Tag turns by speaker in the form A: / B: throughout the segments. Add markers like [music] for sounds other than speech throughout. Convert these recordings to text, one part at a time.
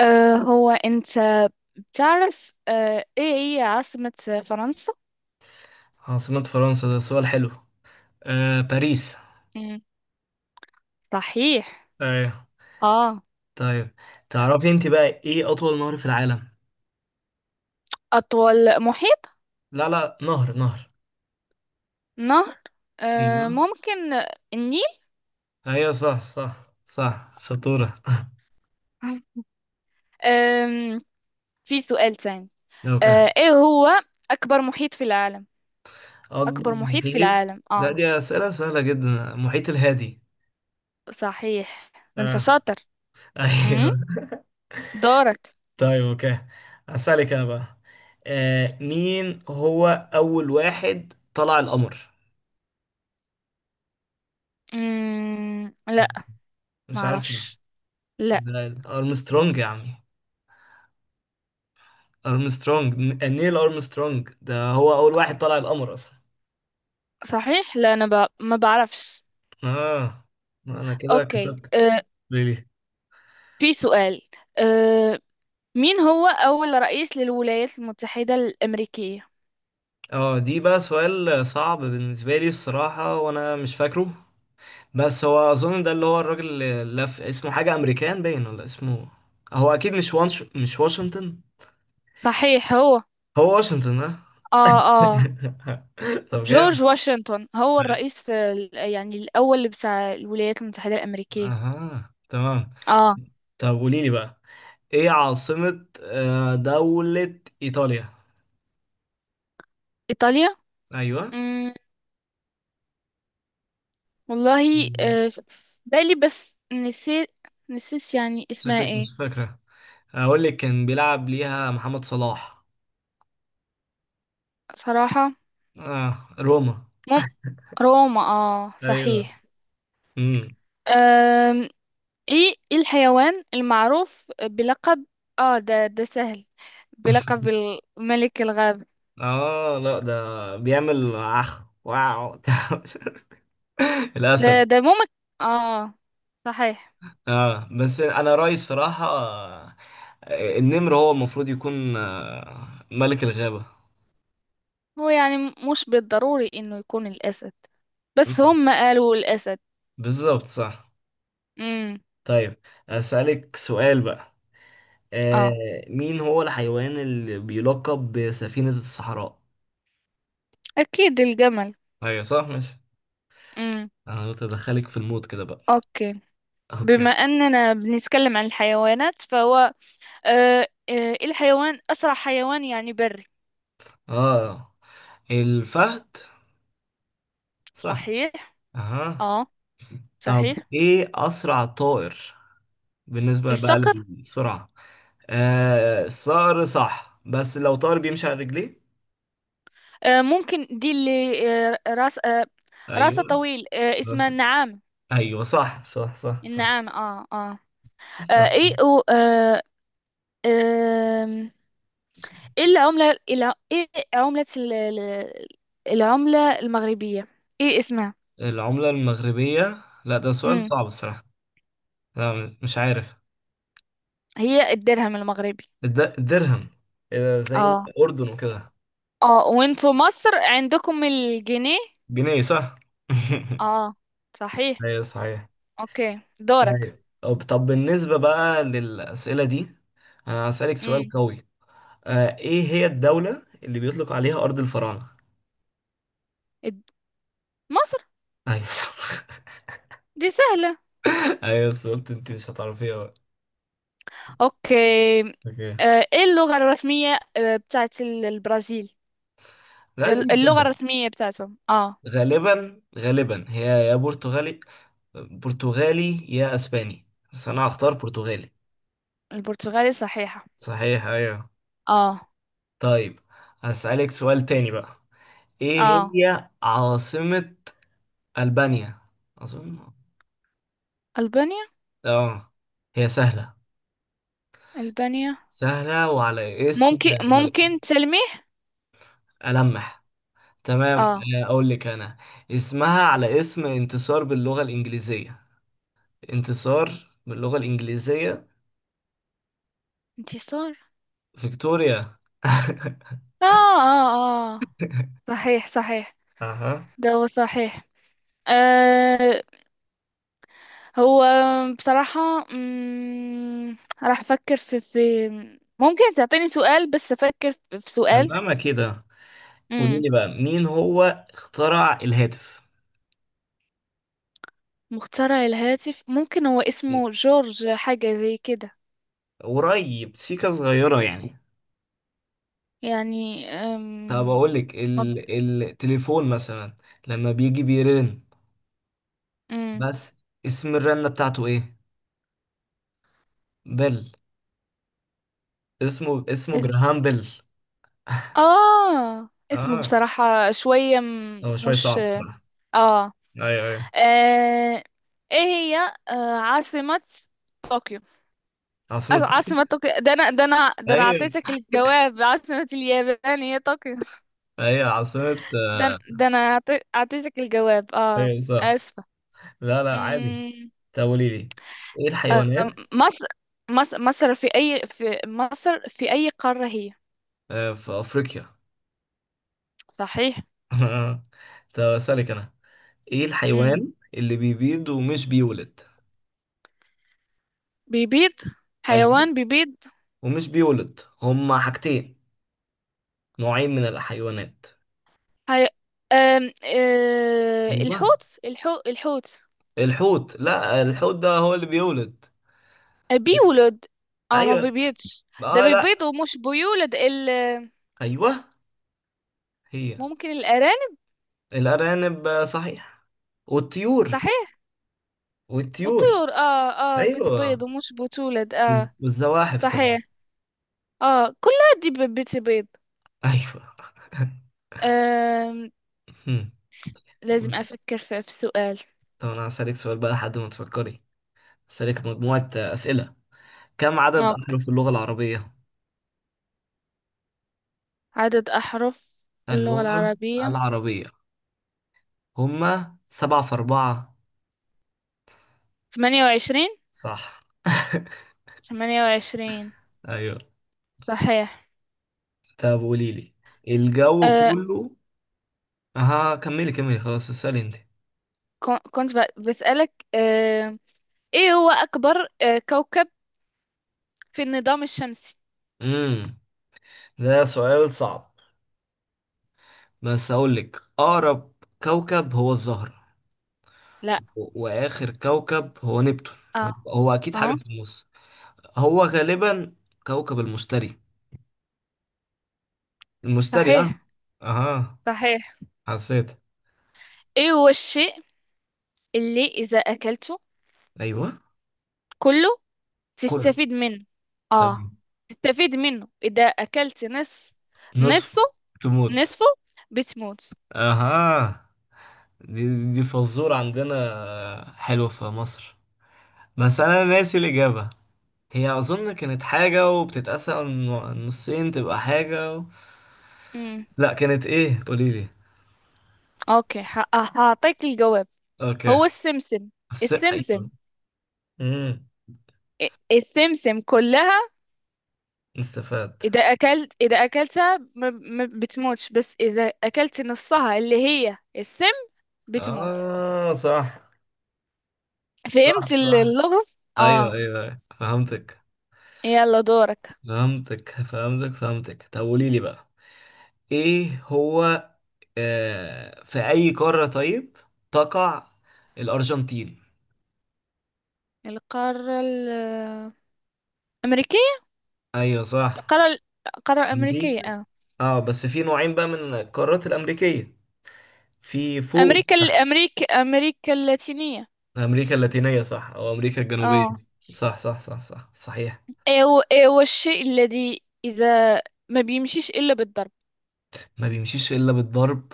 A: هو أنت تعرف إيه هي عاصمة فرنسا؟
B: عاصمة فرنسا ده سؤال حلو. باريس.
A: مم. صحيح.
B: ايوه،
A: آه.
B: طيب. تعرفي انت بقى ايه اطول نهر في العالم؟
A: أطول محيط.
B: لا، لا، نهر نهر.
A: نهر.
B: ايوه،
A: ممكن. النيل.
B: ايوه، صح صح صح، شطورة.
A: [laughs] أم في سؤال تاني.
B: [laughs] اوكي،
A: إيه هو أكبر محيط في العالم؟
B: اكبر
A: أكبر محيط في
B: محيط.
A: العالم
B: لا،
A: آه
B: دي اسئلة سهلة جدا، محيط الهادي.
A: صحيح. ده أنت
B: اه،
A: شاطر. أمم
B: ايوه.
A: دورك.
B: [laughs] طيب، اوكي، اسالك انا بقى. مين هو اول واحد طلع القمر؟
A: لا.
B: مش عارف ده.
A: معرفش. لا.
B: ارمسترونج يا عمي، ارمسترونج نيل ارمسترونج، ده هو اول واحد طلع القمر اصلا.
A: صحيح، لا، أنا ما بعرفش.
B: اه، انا كده
A: أوكي.
B: كسبت. ليه؟
A: في سؤال. آه، مين هو أول رئيس للولايات المتحدة الأمريكية؟
B: اه، دي بقى سؤال صعب بالنسبه لي الصراحه، وانا مش فاكره. بس هو اظن ده اللي هو الراجل اللي لف اسمه حاجه، امريكان باين ولا اسمه. هو اكيد مش مش واشنطن.
A: صحيح، هو.
B: هو واشنطن،
A: آه،
B: اه.
A: آه.
B: [laughs] طب، جامد.
A: جورج واشنطن هو الرئيس يعني الأول اللي بتاع الولايات المتحدة الأمريكية.
B: اها، تمام.
A: آه.
B: طب قولي لي بقى، ايه عاصمه دوله ايطاليا؟
A: إيطاليا.
B: ايوه.
A: مم. والله، في بالي، بس نسيت. نسيت يعني اسمها
B: شكلك
A: ايه.
B: مش فاكرة. أقول لك كان بيلعب ليها محمد صلاح.
A: صراحة.
B: روما.
A: مم. روما، آه،
B: أيوه.
A: صحيح.
B: امم
A: آم، ايه الحيوان المعروف بلقب، ده سهل، بلقب
B: [laughs]
A: الملك الغابة.
B: لا، ده بيعمل عخ واو. [laughs]
A: لا،
B: الأسد.
A: ده ممكن. اه، صحيح.
B: بس أنا رأيي الصراحة، النمر هو المفروض يكون ملك الغابة.
A: هو يعني مش بالضروري انه يكون الاسد، بس
B: مم.
A: هم قالوا الاسد.
B: بالظبط، صح.
A: امم
B: طيب، أسألك سؤال بقى. آه
A: اه
B: مين هو الحيوان اللي بيلقب بسفينة الصحراء؟
A: اكيد الجمل.
B: ايوه، صح مش.
A: امم
B: انا قلت ادخلك في المود كده بقى.
A: اوكي.
B: اوكي.
A: بما اننا بنتكلم عن الحيوانات، فهو اسرع حيوان يعني بري.
B: اه، الفهد. صح.
A: صحيح.
B: اها.
A: اه،
B: طب
A: صحيح.
B: ايه اسرع طائر بالنسبة بقى
A: الصقر.
B: للسرعة؟ الصقر صح، بس لو طائر بيمشي على رجليه.
A: ممكن، دي اللي آه راس آه راسه
B: ايوه،
A: طويل، اسمها
B: بس
A: النعام.
B: ايوه، صح صح صح صح
A: النعام، اه، اه.
B: صح.
A: ايه آه ايه العملة إيه الع- ايه عملة ال- ال- العملة المغربية، ايه اسمها؟
B: العملة المغربية؟ لا، ده سؤال
A: امم
B: صعب الصراحة. لا، مش عارف.
A: هي الدرهم المغربي.
B: الدرهم. زي
A: اه.
B: الأردن وكده.
A: اه، وانتوا مصر عندكم الجنيه.
B: جنيه، صح. [laughs]
A: اه، صحيح.
B: ايوه، صحيح.
A: اوكي، دورك.
B: طب، طب، بالنسبة بقى للأسئلة دي، أنا هسألك سؤال
A: امم
B: قوي. إيه هي الدولة اللي بيطلق عليها أرض الفراعنة؟
A: مصر.
B: أيوة، صح. [laughs]
A: دي سهلة.
B: أيوة، بس قلت أنت مش هتعرفيها بقى.
A: اوكي.
B: اوكي.
A: ايه اللغة الرسمية، بتاعت البرازيل.
B: لا، دي
A: اللغة
B: سهلة.
A: الرسمية بتاعتهم، اه.
B: غالبا غالبا هي، يا برتغالي، برتغالي يا أسباني، بس أنا هختار برتغالي.
A: البرتغالي صحيحة.
B: صحيح، أيوة.
A: اه.
B: طيب، هسألك سؤال تاني بقى. إيه
A: اه.
B: هي عاصمة ألبانيا؟ أظن
A: ألبانيا.
B: آه هي سهلة.
A: ألبانيا.
B: سهلة وعلى اسم
A: ممكن
B: ملكة.
A: ممكن تسلمي.
B: ألمح. تمام،
A: اه.
B: أقول لك أنا، اسمها على اسم انتصار باللغة الإنجليزية، انتصار باللغة الإنجليزية،
A: انتصار.
B: فيكتوريا. [laughs]
A: اه، اه، اه، صحيح، صحيح.
B: أها،
A: ده هو صحيح. آه هو، بصراحة. مم، راح أفكر في. ممكن تعطيني سؤال بس أفكر في سؤال.
B: تمام كده. قولي
A: مم.
B: لي بقى، مين هو اخترع الهاتف؟
A: مخترع الهاتف، ممكن هو اسمه جورج، حاجة زي كده.
B: قريب، سيكة صغيرة يعني.
A: يعني
B: طب أقول لك
A: مب-
B: التليفون مثلا، لما بيجي بيرن
A: مم.
B: بس، اسم الرنة بتاعته إيه؟ بيل. اسمه
A: اس-
B: جراهام بيل.
A: اسمه
B: اه،
A: بصراحة شوية
B: هو شوية
A: مش.
B: صعب صراحة.
A: آه.
B: أيوه، أيوه.
A: آه... ايه هي عاصمة طوكيو.
B: عاصمة طوكيو.
A: عاصمة طوكيو، ده انا
B: أيوه،
A: اعطيتك الجواب، عاصمة اليابان هي طوكيو.
B: أيوه، عاصمة،
A: ده انا اعطيتك الجواب. اه.
B: أيوه صح.
A: اسفة.
B: لا، لا، عادي.
A: مم...
B: طب قولي لي، إيه
A: آه...
B: الحيوانات؟
A: مصر. مصر مصر في اي في مصر في اي قارة هي؟
B: في أفريقيا.
A: صحيح.
B: [laughs] طب أسألك أنا، إيه
A: مم.
B: الحيوان اللي بيبيض ومش بيولد؟
A: بيبيض.
B: أيوه،
A: حيوان بيبيض.
B: ومش بيولد، هما حاجتين، نوعين من الحيوانات.
A: حي...
B: أيوه.
A: الحوت، الحوت، الحوت.
B: الحوت؟ لا، الحوت ده هو اللي بيولد.
A: آه، بيولد. اه، ما
B: أيوه،
A: بيبيضش. ده بيبيض
B: لا.
A: ومش بيولد.
B: أيوه. هي
A: ممكن الأرانب.
B: الأرانب، صحيح. والطيور.
A: صحيح.
B: والطيور.
A: والطيور. اه، اه، بتبيض
B: ايوه
A: ومش بتولد، اه.
B: والزواحف كمان.
A: صحيح. اه، كلها دي بتبيض.
B: ايوه. [laughs]
A: آم،
B: هم.
A: لازم أفكر في السؤال.
B: طب انا هسألك سؤال بقى لحد ما تفكري. هسألك مجموعة أسئلة. كم عدد
A: اوكي.
B: أحرف اللغة العربية؟
A: عدد أحرف اللغة
B: اللغة
A: العربية.
B: العربية. هما سبعة في أربعة.
A: 28.
B: صح. [laughs]
A: 28.
B: أيوة.
A: صحيح.
B: طب قولي لي، الجو
A: آه
B: كله. أها، كملي كملي، خلاص، اسألي أنت.
A: كنت بسألك. ايه هو أكبر كوكب في النظام الشمسي؟
B: امم ده سؤال صعب. بس أقول لك، أقرب كوكب هو الزهرة،
A: لا.
B: واخر كوكب هو نبتون.
A: اه،
B: هو اكيد
A: اه،
B: حاجه في النص. هو غالبا كوكب المشتري. المشتري، اه.
A: صحيح،
B: اها.
A: صحيح.
B: حسيت.
A: ايه هو الشيء اللي اذا اكلته
B: ايوه،
A: كله
B: كله.
A: تستفيد منه. اه.
B: تمام.
A: تستفيد منه اذا اكلت نص.
B: نصفه.
A: نصه.
B: تموت.
A: نصفه. بتموت.
B: اها. دي فزور عندنا حلوه في مصر، بس انا ناسي الاجابه. هي اظن كانت حاجه وبتتقسم نصين، تبقى حاجه
A: امم
B: لا، كانت ايه؟ قوليلي.
A: اوكي. هعطيك الجواب.
B: اوكي.
A: هو السمسم.
B: بس،
A: السمسم.
B: ايوه. امم
A: السمسم كلها.
B: استفاد.
A: اذا اكلتها ما بتموتش، بس اذا اكلت نصها اللي هي السم، بتموت.
B: اه، صح صح
A: فهمت
B: صح.
A: اللغز.
B: ايوه،
A: اه.
B: ايوه، أيوة. فهمتك
A: يلا، دورك.
B: فهمتك فهمتك فهمتك. طب قولي لي بقى، ايه هو في اي قارة طيب تقع الارجنتين؟
A: القارة الأمريكية.
B: ايوه صح،
A: القارة ال- القارة الأمريكية،
B: امريكا.
A: اه.
B: اه، بس في نوعين بقى من القارات الامريكيه. في فوق.
A: أمريكا اللاتينية.
B: امريكا اللاتينيه صح، او امريكا الجنوبيه.
A: اه.
B: صح صح صح صح، صحيح.
A: ايوا، ايوا، الشيء الذي إذا ما بيمشيش إلا بالضرب.
B: ما بيمشيش الا بالضرب؟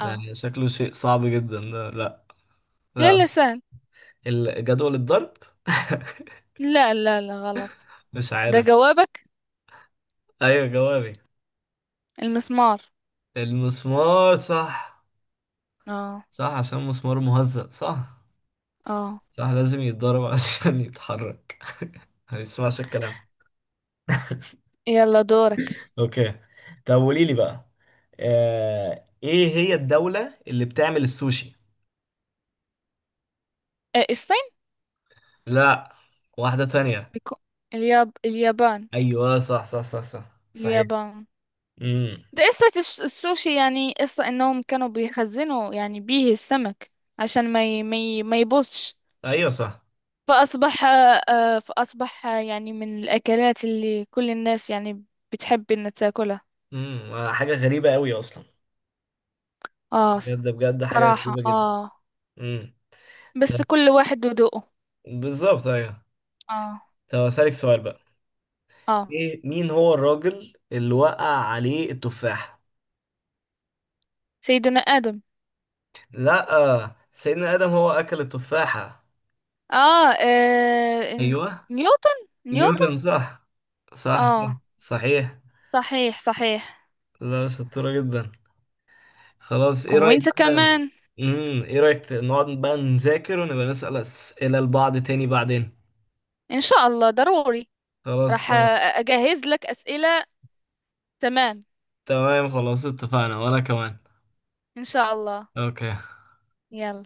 A: اه.
B: شكله شيء صعب جدا ده، لا.
A: لا،
B: لا،
A: لا، سهل.
B: جدول الضرب. [laughs]
A: لا، لا، لا، غلط.
B: مش
A: ده
B: عارف.
A: جوابك.
B: ايوه، جوابي.
A: المسمار.
B: المسمار؟ صح.
A: اه،
B: صح، عشان مسمار مهزأ، صح.
A: اه.
B: صح، لازم يتضرب [laughs] عشان يتحرك. [laughs] ما بيسمعش الكلام.
A: يلا، دورك.
B: اوكي. طب قولي لي بقى، ايه هي الدولة اللي بتعمل السوشي؟
A: الصين.
B: لا، واحدة تانية.
A: بيكو... اليابان.
B: ايوه صح صح صح صح، صحيح.
A: اليابان.
B: امم
A: ده قصة السوشي، يعني قصة إنهم كانوا بيخزنوا يعني بيه السمك، عشان ما يبوظش.
B: ايوه صح.
A: فأصبح فأصبح يعني من الأكلات اللي كل الناس يعني بتحب إنها تاكلها.
B: حاجة غريبة قوي اصلا.
A: آه ص-
B: بجد بجد، حاجة
A: صراحة،
B: غريبة جدا. امم
A: بس
B: طب،
A: كل واحد وذوقه.
B: بالظبط، ايوه.
A: آه،
B: طب اسالك سؤال بقى.
A: آه.
B: مين هو الراجل اللي وقع عليه التفاحة؟
A: سيدنا آدم.
B: لا، سيدنا آدم هو أكل التفاحة.
A: آه، آه.
B: أيوه،
A: نيوتن، نيوتن.
B: نيوتن، صح صح صح،
A: آه،
B: صحيح.
A: صحيح، صحيح.
B: لا، شطورة جدا. خلاص، إيه رأيك
A: وأنت
B: بقى؟
A: كمان.
B: إيه رأيك نقعد بقى نذاكر ونبقى نسأل أسئلة لبعض تاني بعدين؟
A: إن شاء الله، ضروري.
B: خلاص،
A: راح
B: تمام.
A: أجهز لك أسئلة. تمام.
B: تمام، خلاص، اتفقنا، وأنا كمان.
A: إن شاء الله.
B: أوكي.
A: يلا.